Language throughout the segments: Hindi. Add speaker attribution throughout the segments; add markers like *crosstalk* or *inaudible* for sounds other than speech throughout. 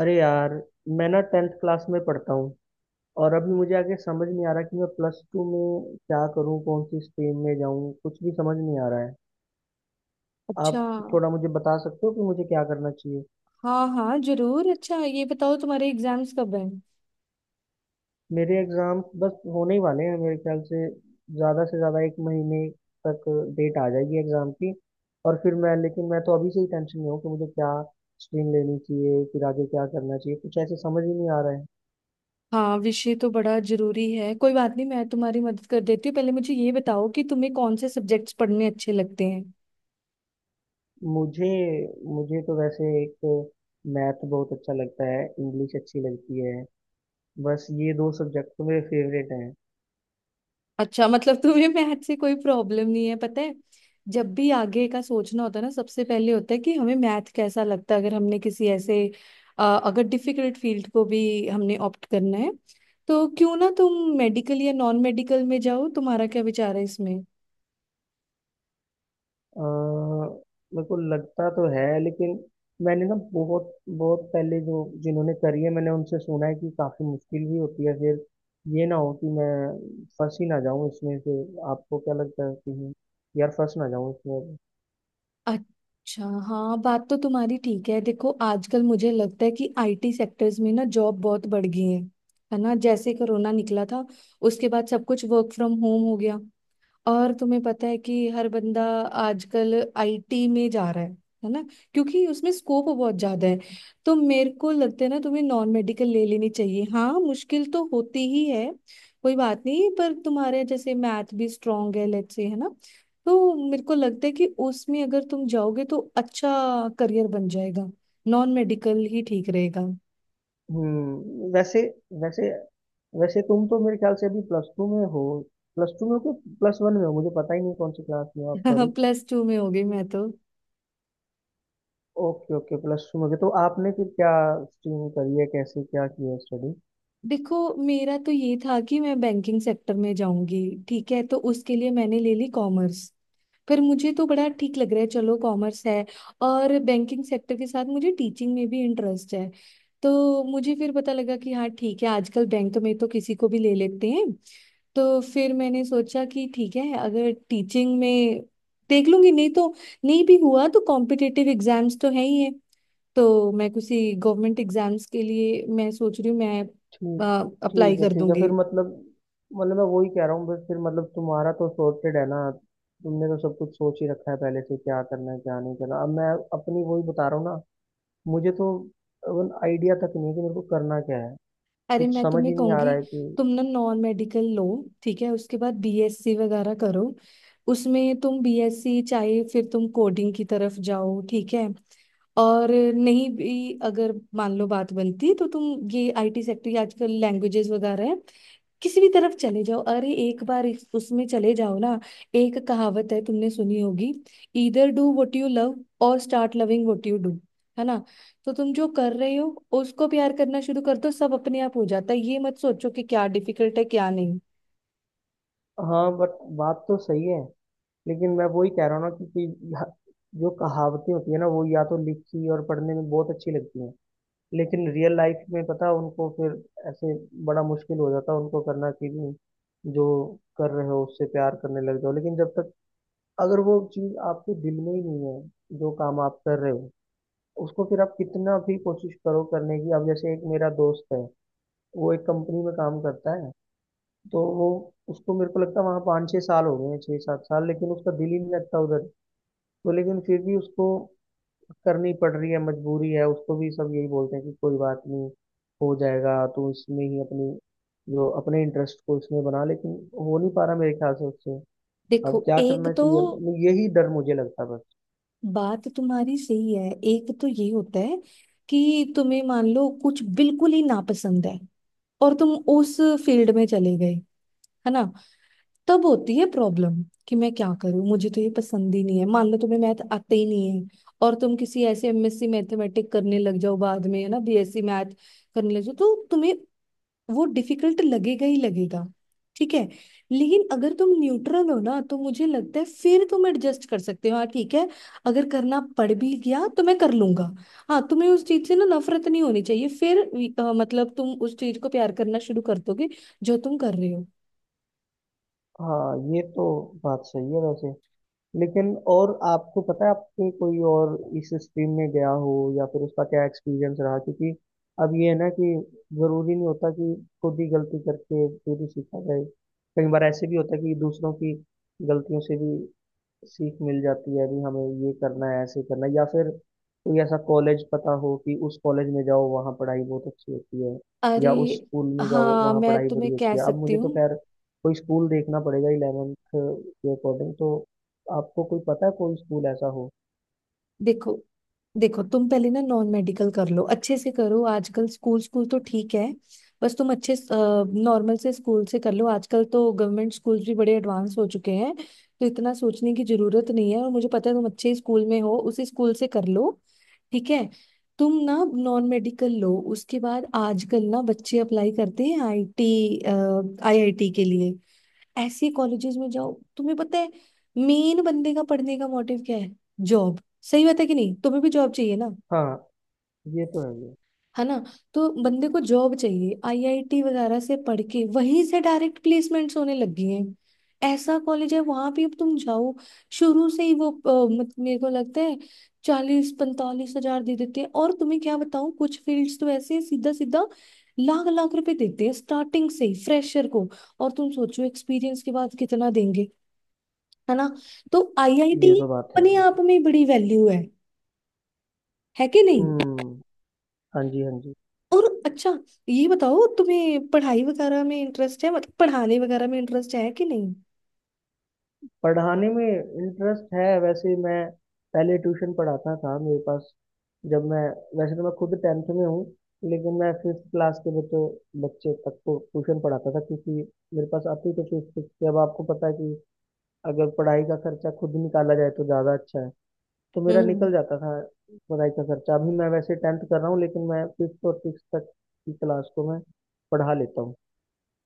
Speaker 1: अरे यार! मैं ना टेंथ क्लास में पढ़ता हूँ। और अभी मुझे आगे समझ नहीं आ रहा कि मैं प्लस टू में क्या करूँ, कौन सी स्ट्रीम में जाऊँ। कुछ भी समझ नहीं आ रहा है।
Speaker 2: अच्छा।
Speaker 1: आप थोड़ा मुझे बता सकते हो कि मुझे क्या करना चाहिए?
Speaker 2: हाँ हाँ जरूर। अच्छा ये बताओ तुम्हारे एग्जाम्स कब हैं।
Speaker 1: मेरे एग्जाम्स बस होने ही वाले हैं। मेरे ख्याल से ज़्यादा 1 महीने तक डेट आ जाएगी एग्ज़ाम की। और फिर मैं लेकिन मैं तो अभी से ही टेंशन में हूँ कि मुझे क्या स्ट्रीम लेनी चाहिए, फिर आगे क्या करना चाहिए। कुछ ऐसे समझ ही नहीं आ रहा है।
Speaker 2: हाँ विषय तो बड़ा जरूरी है। कोई बात नहीं, मैं तुम्हारी मदद कर देती हूँ। पहले मुझे ये बताओ कि तुम्हें कौन से सब्जेक्ट्स पढ़ने अच्छे लगते हैं।
Speaker 1: मुझे मुझे तो वैसे एक मैथ बहुत अच्छा लगता है, इंग्लिश अच्छी लगती है। बस ये दो सब्जेक्ट तो मेरे फेवरेट हैं।
Speaker 2: अच्छा मतलब तुम्हें *laughs* मैथ से कोई प्रॉब्लम नहीं है। पता है, जब भी आगे का सोचना होता है ना, सबसे पहले होता है कि हमें मैथ कैसा लगता है। अगर हमने किसी ऐसे अगर डिफिकल्ट फील्ड को भी हमने ऑप्ट करना है तो क्यों ना तुम मेडिकल या नॉन मेडिकल में जाओ। तुम्हारा क्या विचार है इसमें।
Speaker 1: अ, मेरे को लगता तो है, लेकिन मैंने ना बहुत बहुत पहले जो जिन्होंने करी है मैंने उनसे सुना है कि काफ़ी मुश्किल भी होती है। फिर ये ना हो कि मैं फंस ही ना जाऊँ इसमें। फिर आपको क्या लगता है कि यार, फंस ना जाऊँ इसमें?
Speaker 2: अच्छा हाँ बात तो तुम्हारी ठीक है। देखो आजकल मुझे लगता है कि आईटी सेक्टर्स में ना जॉब बहुत बढ़ गई है। है ना, जैसे कोरोना निकला था, उसके बाद सब कुछ वर्क फ्रॉम होम हो गया। और तुम्हें पता है कि हर बंदा आजकल आईटी में जा रहा है। है ना, क्योंकि उसमें स्कोप बहुत ज्यादा है। तो मेरे को लगता है ना, तुम्हें नॉन मेडिकल ले लेनी चाहिए। हाँ मुश्किल तो होती ही है, कोई बात नहीं, पर तुम्हारे जैसे मैथ भी स्ट्रांग है, लेट्स से, है ना। तो मेरे को लगता है कि उसमें अगर तुम जाओगे तो अच्छा करियर बन जाएगा। नॉन मेडिकल ही ठीक रहेगा।
Speaker 1: वैसे वैसे वैसे तुम तो मेरे ख्याल से अभी प्लस टू में हो। प्लस टू में हो कि प्लस वन में हो, मुझे पता ही नहीं कौन सी क्लास में हो आप। सॉरी।
Speaker 2: *laughs* प्लस टू में हो गई मैं तो।
Speaker 1: Okay, okay. प्लस टू में हो गए। तो आपने फिर क्या स्ट्रीम करी है, कैसे क्या किया स्टडी?
Speaker 2: देखो मेरा तो ये था कि मैं बैंकिंग सेक्टर में जाऊंगी। ठीक है, तो उसके लिए मैंने ले ली कॉमर्स। फिर मुझे तो बड़ा ठीक लग रहा है, चलो कॉमर्स है। और बैंकिंग सेक्टर के साथ मुझे टीचिंग में भी इंटरेस्ट है। तो मुझे फिर पता लगा कि हाँ ठीक है, आजकल बैंक में तो किसी को भी ले लेते हैं। तो फिर मैंने सोचा कि ठीक है अगर टीचिंग में देख लूंगी, नहीं तो, नहीं भी हुआ तो कॉम्पिटिटिव एग्जाम्स तो है ही है। तो मैं किसी गवर्नमेंट एग्जाम्स के लिए मैं सोच रही हूँ, मैं
Speaker 1: ठीक
Speaker 2: अप्लाई
Speaker 1: ठीक है,
Speaker 2: कर
Speaker 1: ठीक है।
Speaker 2: दूंगी।
Speaker 1: फिर मतलब, मैं वही कह रहा हूँ। बस फिर मतलब तुम्हारा तो सॉर्टेड है ना। तुमने तो सब कुछ सोच ही रखा है पहले से, क्या करना है क्या नहीं करना। अब मैं अपनी वही बता रहा हूँ ना। मुझे तो आइडिया तक नहीं है कि मेरे को करना क्या है।
Speaker 2: अरे
Speaker 1: कुछ
Speaker 2: मैं
Speaker 1: समझ
Speaker 2: तुम्हें
Speaker 1: ही नहीं आ
Speaker 2: कहूंगी,
Speaker 1: रहा है कि।
Speaker 2: तुम ना नॉन मेडिकल लो। ठीक है, उसके बाद बीएससी वगैरह करो। उसमें तुम बीएससी चाहे, फिर तुम कोडिंग की तरफ जाओ। ठीक है, और नहीं भी अगर मान लो बात बनती, तो तुम ये आईटी सेक्टर आजकल लैंग्वेजेस वगैरह है, किसी भी तरफ चले जाओ। अरे एक बार इस उसमें चले जाओ ना। एक कहावत है, तुमने सुनी होगी, either do what you love और start loving what you do. है ना, तो तुम जो कर रहे हो उसको प्यार करना शुरू कर दो, सब अपने आप हो जाता है। ये मत सोचो कि क्या डिफिकल्ट है क्या नहीं।
Speaker 1: हाँ, बट बात तो सही है। लेकिन मैं वही कह रहा हूँ ना कि यह- जो कहावतें होती है ना, वो या तो लिखी और पढ़ने में बहुत अच्छी लगती हैं। लेकिन रियल लाइफ में पता उनको फिर ऐसे बड़ा मुश्किल हो जाता है उनको करना, कि जो कर रहे हो उससे प्यार करने लग जाओ। लेकिन जब तक, अगर वो चीज़ आपके दिल में ही नहीं है जो काम आप कर रहे हो उसको, फिर आप कितना भी कोशिश करो करने की। अब जैसे एक मेरा दोस्त है, वो एक कंपनी में काम करता है। तो वो, उसको मेरे को लगता है वहाँ 5-6 साल हो गए हैं, 6-7 साल, लेकिन उसका दिल ही नहीं लगता उधर। तो लेकिन फिर भी उसको करनी पड़ रही है, मजबूरी है। उसको भी सब यही बोलते हैं कि कोई बात नहीं, हो जाएगा, तो इसमें ही अपनी जो अपने इंटरेस्ट को इसमें बना। लेकिन हो नहीं पा रहा मेरे ख्याल से उससे। अब
Speaker 2: देखो
Speaker 1: क्या
Speaker 2: एक
Speaker 1: करना
Speaker 2: तो
Speaker 1: चाहिए? अब यही डर मुझे लगता है बस।
Speaker 2: बात तुम्हारी सही है। एक तो ये होता है कि तुम्हें मान लो कुछ बिल्कुल ही नापसंद है, और तुम उस फील्ड में चले गए, है ना, तब होती है प्रॉब्लम, कि मैं क्या करूं, मुझे तो ये पसंद ही नहीं है। मान लो तुम्हें मैथ आते ही नहीं है, और तुम किसी ऐसे एमएससी मैथमेटिक करने लग जाओ बाद में, है ना, बीएससी मैथ करने लग जाओ, तो तुम्हें वो डिफिकल्ट लगेगा ही लगेगा। ठीक है, लेकिन अगर तुम न्यूट्रल हो ना, तो मुझे लगता है फिर तुम एडजस्ट कर सकते हो। हाँ ठीक है, अगर करना पड़ भी गया तो मैं कर लूंगा। हाँ तुम्हें उस चीज से ना नफरत नहीं होनी चाहिए फिर। मतलब तुम उस चीज को प्यार करना शुरू कर दोगे जो तुम कर रहे हो।
Speaker 1: हाँ, ये तो बात सही है वैसे। लेकिन और आपको पता है आपके कोई और इस स्ट्रीम में गया हो, या फिर उसका क्या एक्सपीरियंस रहा? क्योंकि अब ये है ना कि जरूरी नहीं होता कि खुद ही गलती करके फिर ही सीखा जाए। कई बार ऐसे भी होता है कि दूसरों की गलतियों से भी सीख मिल जाती है। अभी हमें ये करना है, ऐसे करना है, या फिर कोई ऐसा कॉलेज पता हो कि उस कॉलेज में जाओ वहाँ पढ़ाई बहुत अच्छी होती है,
Speaker 2: अरे
Speaker 1: या उस स्कूल में जाओ
Speaker 2: हाँ
Speaker 1: वहाँ
Speaker 2: मैं
Speaker 1: पढ़ाई
Speaker 2: तुम्हें
Speaker 1: बड़ी
Speaker 2: कह
Speaker 1: अच्छी है। अब
Speaker 2: सकती
Speaker 1: मुझे तो
Speaker 2: हूँ।
Speaker 1: खैर कोई स्कूल देखना पड़ेगा इलेवेंथ के अकॉर्डिंग, तो आपको कोई पता है कोई स्कूल ऐसा हो?
Speaker 2: देखो देखो तुम पहले ना नॉन मेडिकल कर लो, अच्छे से करो। आजकल स्कूल, स्कूल तो ठीक है, बस तुम अच्छे नॉर्मल से स्कूल से कर लो। आजकल तो गवर्नमेंट स्कूल भी बड़े एडवांस हो चुके हैं, तो इतना सोचने की जरूरत नहीं है। और मुझे पता है तुम अच्छे स्कूल में हो, उसी स्कूल से कर लो। ठीक है, तुम ना नॉन मेडिकल लो। उसके बाद आजकल ना बच्चे अप्लाई करते हैं आईटी आईआईटी के लिए, ऐसे कॉलेजेस में जाओ। तुम्हें पता है मेन बंदे का पढ़ने का मोटिव क्या है, जॉब। सही बात है कि नहीं, तुम्हें भी जॉब चाहिए ना।
Speaker 1: हाँ, ये तो है ये।
Speaker 2: है ना, तो बंदे को जॉब चाहिए। आईआईटी वगैरह से पढ़ के वहीं से डायरेक्ट प्लेसमेंट्स होने लग गई हैं। ऐसा कॉलेज है, वहां भी अब तुम जाओ। शुरू से ही वो मेरे को लगता है 40-45 हजार दे देते हैं। और तुम्हें क्या बताऊं, कुछ फील्ड्स तो ऐसे सीधा सीधा लाख लाख रुपए देते हैं स्टार्टिंग से ही फ्रेशर को। और तुम सोचो एक्सपीरियंस के बाद कितना देंगे। है ना, तो आईआईटी
Speaker 1: ये तो बात है
Speaker 2: अपने
Speaker 1: वैसे।
Speaker 2: आप में बड़ी वैल्यू है कि नहीं।
Speaker 1: हम्म, हाँ जी, हाँ जी।
Speaker 2: और अच्छा ये बताओ तुम्हें पढ़ाई वगैरह में इंटरेस्ट है, मतलब पढ़ाने वगैरह में इंटरेस्ट है कि नहीं।
Speaker 1: पढ़ाने में इंटरेस्ट है। वैसे मैं पहले ट्यूशन पढ़ाता था, मेरे पास जब मैं वैसे तो मैं खुद टेंथ में हूँ, लेकिन मैं फिफ्थ क्लास के बच्चों बच्चे तक को ट्यूशन पढ़ाता था, क्योंकि मेरे पास आती तो फिफ्थ थी। अब आपको पता है कि अगर पढ़ाई का खर्चा खुद निकाला जाए तो ज़्यादा अच्छा है। तो मेरा
Speaker 2: हम्म,
Speaker 1: निकल जाता था पढ़ाई का खर्चा। अभी मैं वैसे टेंथ कर रहा हूँ, लेकिन मैं फिफ्थ और सिक्स तक की क्लास को मैं पढ़ा लेता हूँ।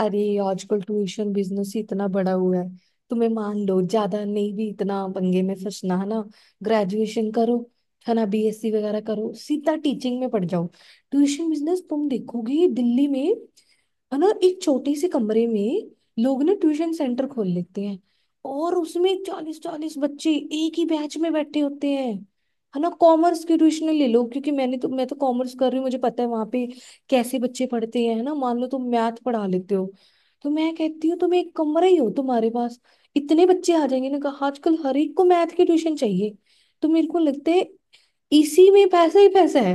Speaker 2: अरे आजकल ट्यूशन बिजनेस ही इतना बड़ा हुआ है। तुम्हें मान लो ज्यादा नहीं भी इतना पंगे में फंसना, है ना, ग्रेजुएशन करो, है ना, बीएससी वगैरह करो, सीधा टीचिंग में पड़ जाओ। ट्यूशन बिजनेस तुम देखोगे दिल्ली में, है ना, एक छोटे से कमरे में लोग ना ट्यूशन सेंटर खोल लेते हैं, और उसमें 40-40 बच्चे एक ही बैच में बैठे होते हैं। है ना, कॉमर्स के ट्यूशन ले लो, क्योंकि मैं तो कॉमर्स कर रही हूँ, मुझे पता है वहां पे कैसे बच्चे पढ़ते हैं। है ना, मान लो तुम मैथ पढ़ा लेते हो, तो मैं कहती हूँ तुम एक कमरा ही हो तुम्हारे पास, इतने बच्चे आ जाएंगे ना। कहा आजकल हर एक को मैथ की ट्यूशन चाहिए। तो मेरे को लगता है इसी में पैसा ही पैसा है।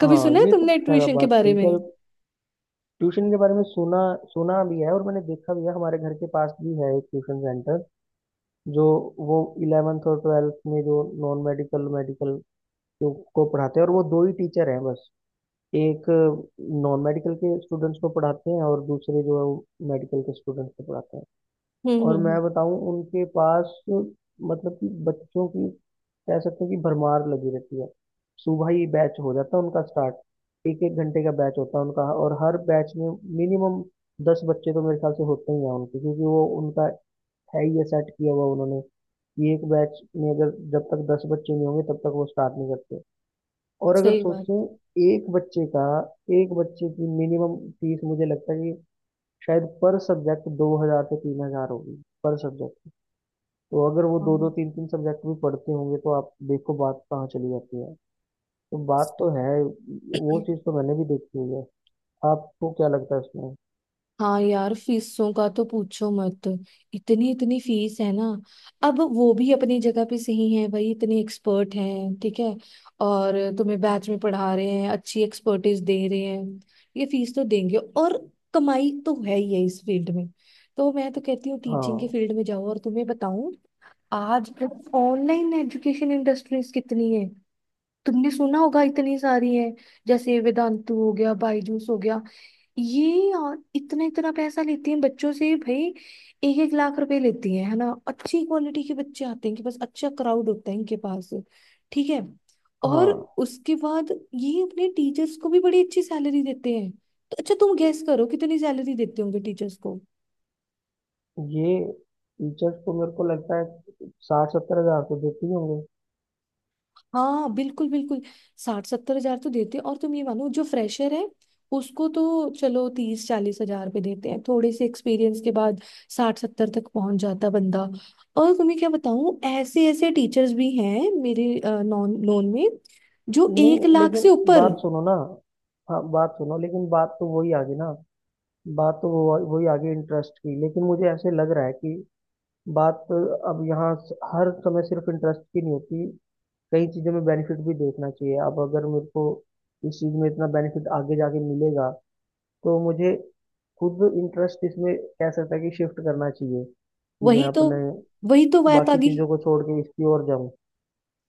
Speaker 2: कभी
Speaker 1: हाँ,
Speaker 2: सुना है
Speaker 1: ये तो
Speaker 2: तुमने
Speaker 1: खैर, आप
Speaker 2: ट्यूशन के
Speaker 1: बात
Speaker 2: बारे
Speaker 1: सही
Speaker 2: में।
Speaker 1: कह ट्यूशन के बारे में सुना सुना भी है और मैंने देखा भी है। हमारे घर के पास भी है एक ट्यूशन सेंटर, जो वो इलेवेंथ और ट्वेल्थ में जो नॉन मेडिकल, मेडिकल को पढ़ाते हैं, और वो दो ही टीचर हैं बस। एक नॉन मेडिकल के स्टूडेंट्स को पढ़ाते हैं और दूसरे जो है मेडिकल के स्टूडेंट्स को पढ़ाते हैं।
Speaker 2: हम्म हम्म
Speaker 1: और
Speaker 2: हम्म,
Speaker 1: मैं बताऊं, उनके पास मतलब कि बच्चों की, कह सकते हैं कि भरमार लगी रहती है। सुबह ही बैच हो जाता है उनका स्टार्ट। एक एक घंटे का बैच होता है उनका, और हर बैच में मिनिमम 10 बच्चे तो मेरे ख्याल से होते ही हैं उनके, क्योंकि वो उनका है ही ये सेट किया हुआ उन्होंने कि एक बैच में अगर जब तक दस बच्चे नहीं होंगे तब तक वो स्टार्ट नहीं करते। और अगर
Speaker 2: सही बात।
Speaker 1: सोचें एक बच्चे की मिनिमम फीस मुझे लगता है कि शायद पर सब्जेक्ट 2,000 से 3,000 होगी पर सब्जेक्ट। तो अगर वो दो दो तीन तीन सब्जेक्ट भी पढ़ते होंगे तो आप देखो बात कहाँ चली जाती है। तो बात तो है, वो
Speaker 2: हाँ
Speaker 1: चीज़ तो मैंने भी देखी हुई है। आपको क्या लगता है इसमें?
Speaker 2: हाँ यार फीसों का तो पूछो मत, इतनी इतनी फीस है ना। अब वो भी अपनी जगह पे सही है, भाई इतने एक्सपर्ट हैं। ठीक है, और तुम्हें बैच में पढ़ा रहे हैं, अच्छी एक्सपर्टीज दे रहे हैं, ये फीस तो देंगे। और कमाई तो है ही है इस फील्ड में। तो मैं तो कहती हूँ टीचिंग के
Speaker 1: हाँ,
Speaker 2: फील्ड में जाओ। और तुम्हें बताऊं, आज ऑनलाइन एजुकेशन इंडस्ट्रीज कितनी है, तुमने सुना होगा, इतनी सारी है। जैसे वेदांतु हो गया, बायजूस हो गया, ये और इतना इतना पैसा लेती हैं बच्चों से, भाई 1-1 लाख रुपए लेती हैं। है ना, अच्छी क्वालिटी के बच्चे आते हैं कि बस, अच्छा क्राउड होता है इनके पास। ठीक है, और
Speaker 1: हाँ।
Speaker 2: उसके बाद ये अपने टीचर्स को भी बड़ी अच्छी सैलरी देते हैं। तो अच्छा तुम गैस करो कितनी सैलरी देते होंगे टीचर्स को।
Speaker 1: ये टीचर्स को मेरे को लगता है 60-70 हजार तो देते ही होंगे।
Speaker 2: हाँ बिल्कुल बिल्कुल, 60-70 हजार तो देते हैं। और तुम ये मानो जो फ्रेशर है उसको तो चलो 30-40 हजार पे देते हैं, थोड़े से एक्सपीरियंस के बाद 60-70 तक पहुंच जाता बंदा। और तुम्हें क्या बताऊं ऐसे ऐसे टीचर्स भी हैं मेरे नॉन नोन में जो एक
Speaker 1: नहीं,
Speaker 2: लाख
Speaker 1: लेकिन
Speaker 2: से ऊपर।
Speaker 1: बात सुनो ना। हाँ, बात सुनो, लेकिन बात तो वही आ गई ना। बात तो वो वही आ गई इंटरेस्ट की, लेकिन मुझे ऐसे लग रहा है कि बात अब यहाँ हर समय सिर्फ इंटरेस्ट की नहीं होती। कई चीजों में बेनिफिट भी देखना चाहिए। अब अगर मेरे को इस चीज में इतना बेनिफिट आगे जाके मिलेगा, तो मुझे खुद इंटरेस्ट इसमें कह सकता है कि शिफ्ट करना चाहिए, कि मैं
Speaker 2: वही तो
Speaker 1: अपने
Speaker 2: वही तो बात आ
Speaker 1: बाकी
Speaker 2: गई।
Speaker 1: चीजों को छोड़ के इसकी ओर जाऊं,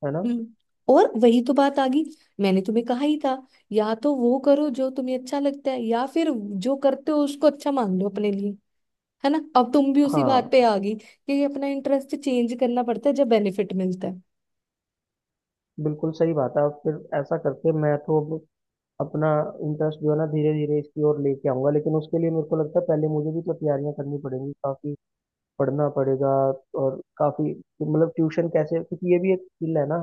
Speaker 1: है ना?
Speaker 2: हम्म, और वही तो बात आ गई। मैंने तुम्हें कहा ही था, या तो वो करो जो तुम्हें अच्छा लगता है, या फिर जो करते हो उसको अच्छा मान लो अपने। है ना, अब तुम भी उसी बात पे
Speaker 1: हाँ,
Speaker 2: आ गई कि अपना इंटरेस्ट चेंज करना पड़ता है जब बेनिफिट मिलता है।
Speaker 1: बिल्कुल सही बात है। अब फिर ऐसा करके मैं तो अब अपना इंटरेस्ट जो है ना धीरे धीरे इसकी ओर लेके आऊंगा, लेकिन उसके लिए मेरे को लगता है पहले मुझे भी तो तैयारियां करनी पड़ेंगी, काफी पढ़ना पड़ेगा और काफी। मतलब ट्यूशन कैसे, क्योंकि ये भी एक स्किल है ना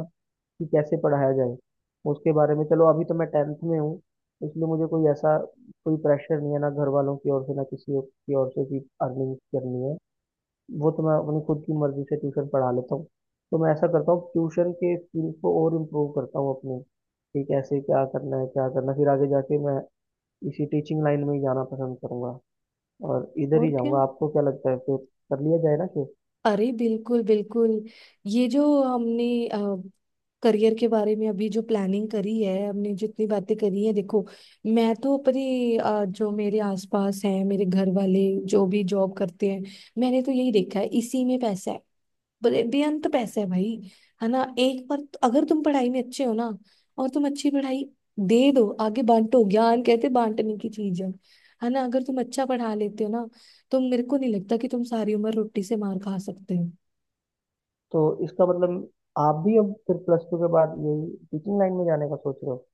Speaker 1: कि कैसे पढ़ाया जाए उसके बारे में। चलो अभी तो मैं टेंथ में हूँ, इसलिए मुझे कोई प्रेशर नहीं है, ना घर वालों की ओर से ना किसी और की ओर से कि अर्निंग करनी है। वो तो मैं अपनी खुद की मर्जी से ट्यूशन पढ़ा लेता हूँ। तो मैं ऐसा करता हूँ, ट्यूशन के स्किल्स को और इम्प्रूव करता हूँ अपने, कि कैसे क्या करना है क्या करना है। फिर आगे जाके मैं इसी टीचिंग लाइन में ही जाना पसंद करूंगा और इधर ही
Speaker 2: और क्या,
Speaker 1: जाऊंगा। आपको क्या लगता है फिर, कर लिया जाए ना फिर?
Speaker 2: अरे बिल्कुल बिल्कुल। ये जो हमने करियर के बारे में अभी जो प्लानिंग करी है, हमने जितनी बातें करी है, देखो मैं तो अपनी जो मेरे आसपास हैं मेरे घर वाले, जो भी जॉब करते हैं, मैंने तो यही देखा है, इसी में पैसा है। बेअंत पैसे हैं भाई, है ना। एक बार अगर तुम पढ़ाई में अच्छे हो ना, और तुम अच्छी पढ़ाई दे दो, आगे बांटो ज्ञान, कहते बांटने की चीज है। है ना, अगर तुम अच्छा पढ़ा लेते हो ना, तो मेरे को नहीं लगता कि तुम सारी उम्र रोटी से मार खा सकते हो।
Speaker 1: तो इसका मतलब आप भी अब फिर प्लस टू के बाद यही टीचिंग लाइन में जाने का सोच रहे हो?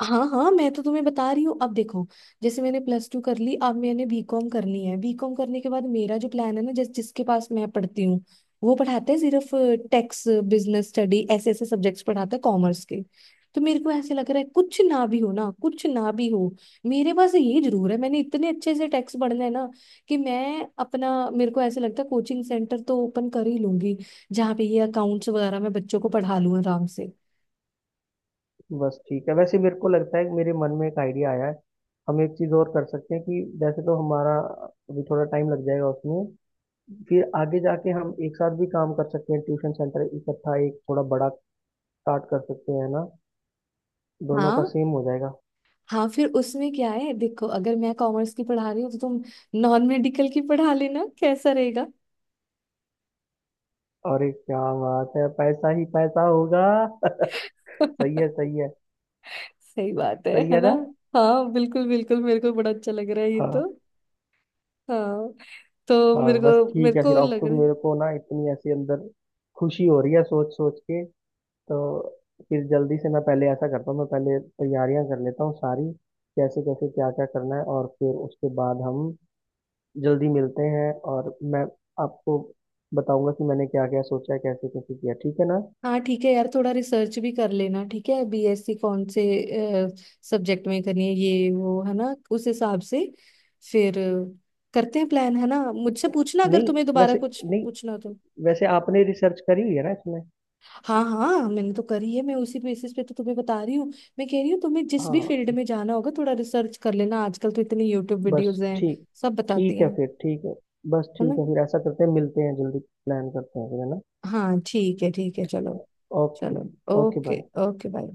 Speaker 2: हाँ हाँ मैं तो तुम्हें बता रही हूँ। अब देखो जैसे मैंने प्लस टू कर ली, अब मैंने बीकॉम करनी है। बीकॉम करने के बाद मेरा जो प्लान है ना, जिसके पास मैं पढ़ती हूँ, वो पढ़ाते हैं सिर्फ टैक्स, बिजनेस स्टडी, ऐसे ऐसे सब्जेक्ट्स पढ़ाता है कॉमर्स के। तो मेरे को ऐसे लग रहा है कुछ ना भी हो ना, कुछ ना भी हो, मेरे पास ये जरूर है मैंने इतने अच्छे से टैक्स पढ़ना है ना, कि मैं अपना, मेरे को ऐसे लगता है कोचिंग सेंटर तो ओपन कर ही लूंगी, जहाँ पे ये अकाउंट्स वगैरह मैं बच्चों को पढ़ा लूँ आराम से।
Speaker 1: बस ठीक है। वैसे मेरे को लगता है कि मेरे मन में एक आइडिया आया है। हम एक चीज़ और कर सकते हैं कि वैसे तो हमारा अभी थोड़ा टाइम लग जाएगा उसमें, फिर आगे जाके हम एक साथ भी काम कर सकते हैं। ट्यूशन सेंटर इकट्ठा, एक थोड़ा बड़ा स्टार्ट कर सकते हैं ना। दोनों का
Speaker 2: हाँ
Speaker 1: सेम हो जाएगा।
Speaker 2: हाँ, फिर उसमें क्या है, देखो अगर मैं कॉमर्स की पढ़ा रही हूँ, तो तुम नॉन मेडिकल की पढ़ा लेना, कैसा रहेगा।
Speaker 1: अरे क्या बात है, पैसा ही पैसा होगा। *laughs* सही है,
Speaker 2: *laughs*
Speaker 1: सही है।
Speaker 2: सही बात है
Speaker 1: सही
Speaker 2: है
Speaker 1: है
Speaker 2: ना।
Speaker 1: ना?
Speaker 2: हाँ बिल्कुल बिल्कुल, मेरे को बड़ा अच्छा लग रहा है ये
Speaker 1: हाँ,
Speaker 2: तो। हाँ, तो मेरे
Speaker 1: हाँ। बस
Speaker 2: को मेरे
Speaker 1: ठीक है फिर।
Speaker 2: को
Speaker 1: अब
Speaker 2: लग
Speaker 1: तो
Speaker 2: रहा
Speaker 1: मेरे
Speaker 2: है।
Speaker 1: को ना इतनी ऐसी अंदर खुशी हो रही है सोच सोच के। तो फिर जल्दी से मैं पहले ऐसा करता हूँ, मैं पहले तैयारियां कर लेता हूँ सारी, कैसे कैसे क्या क्या करना है, और फिर उसके बाद हम जल्दी मिलते हैं, और मैं आपको बताऊंगा कि मैंने क्या क्या सोचा है, कैसे कैसे किया, ठीक है ना?
Speaker 2: हाँ ठीक है यार, थोड़ा रिसर्च भी कर लेना, ठीक है। बीएससी कौन से सब्जेक्ट में करनी है, ये वो है ना, उस हिसाब से फिर करते हैं प्लान। है ना, मुझसे पूछना अगर
Speaker 1: नहीं
Speaker 2: तुम्हें दोबारा
Speaker 1: वैसे
Speaker 2: कुछ
Speaker 1: नहीं,
Speaker 2: पूछना।
Speaker 1: वैसे आपने रिसर्च करी हुई है ना इसमें?
Speaker 2: हाँ हाँ मैंने तो करी है, मैं उसी बेसिस पे तो तुम्हें बता रही हूँ। मैं कह रही हूँ तुम्हें जिस भी
Speaker 1: हाँ,
Speaker 2: फील्ड में जाना होगा, थोड़ा रिसर्च कर लेना। आजकल तो इतनी यूट्यूब
Speaker 1: बस
Speaker 2: वीडियोस हैं,
Speaker 1: ठीक
Speaker 2: सब बताती
Speaker 1: ठीक है
Speaker 2: हैं।
Speaker 1: फिर। ठीक है, बस
Speaker 2: है ना,
Speaker 1: ठीक है फिर ऐसा करते हैं, मिलते हैं जल्दी, प्लान करते हैं फिर, है ना?
Speaker 2: हाँ ठीक है चलो।
Speaker 1: ओके।
Speaker 2: चलो
Speaker 1: okay
Speaker 2: okay.
Speaker 1: Bye.
Speaker 2: Okay bye.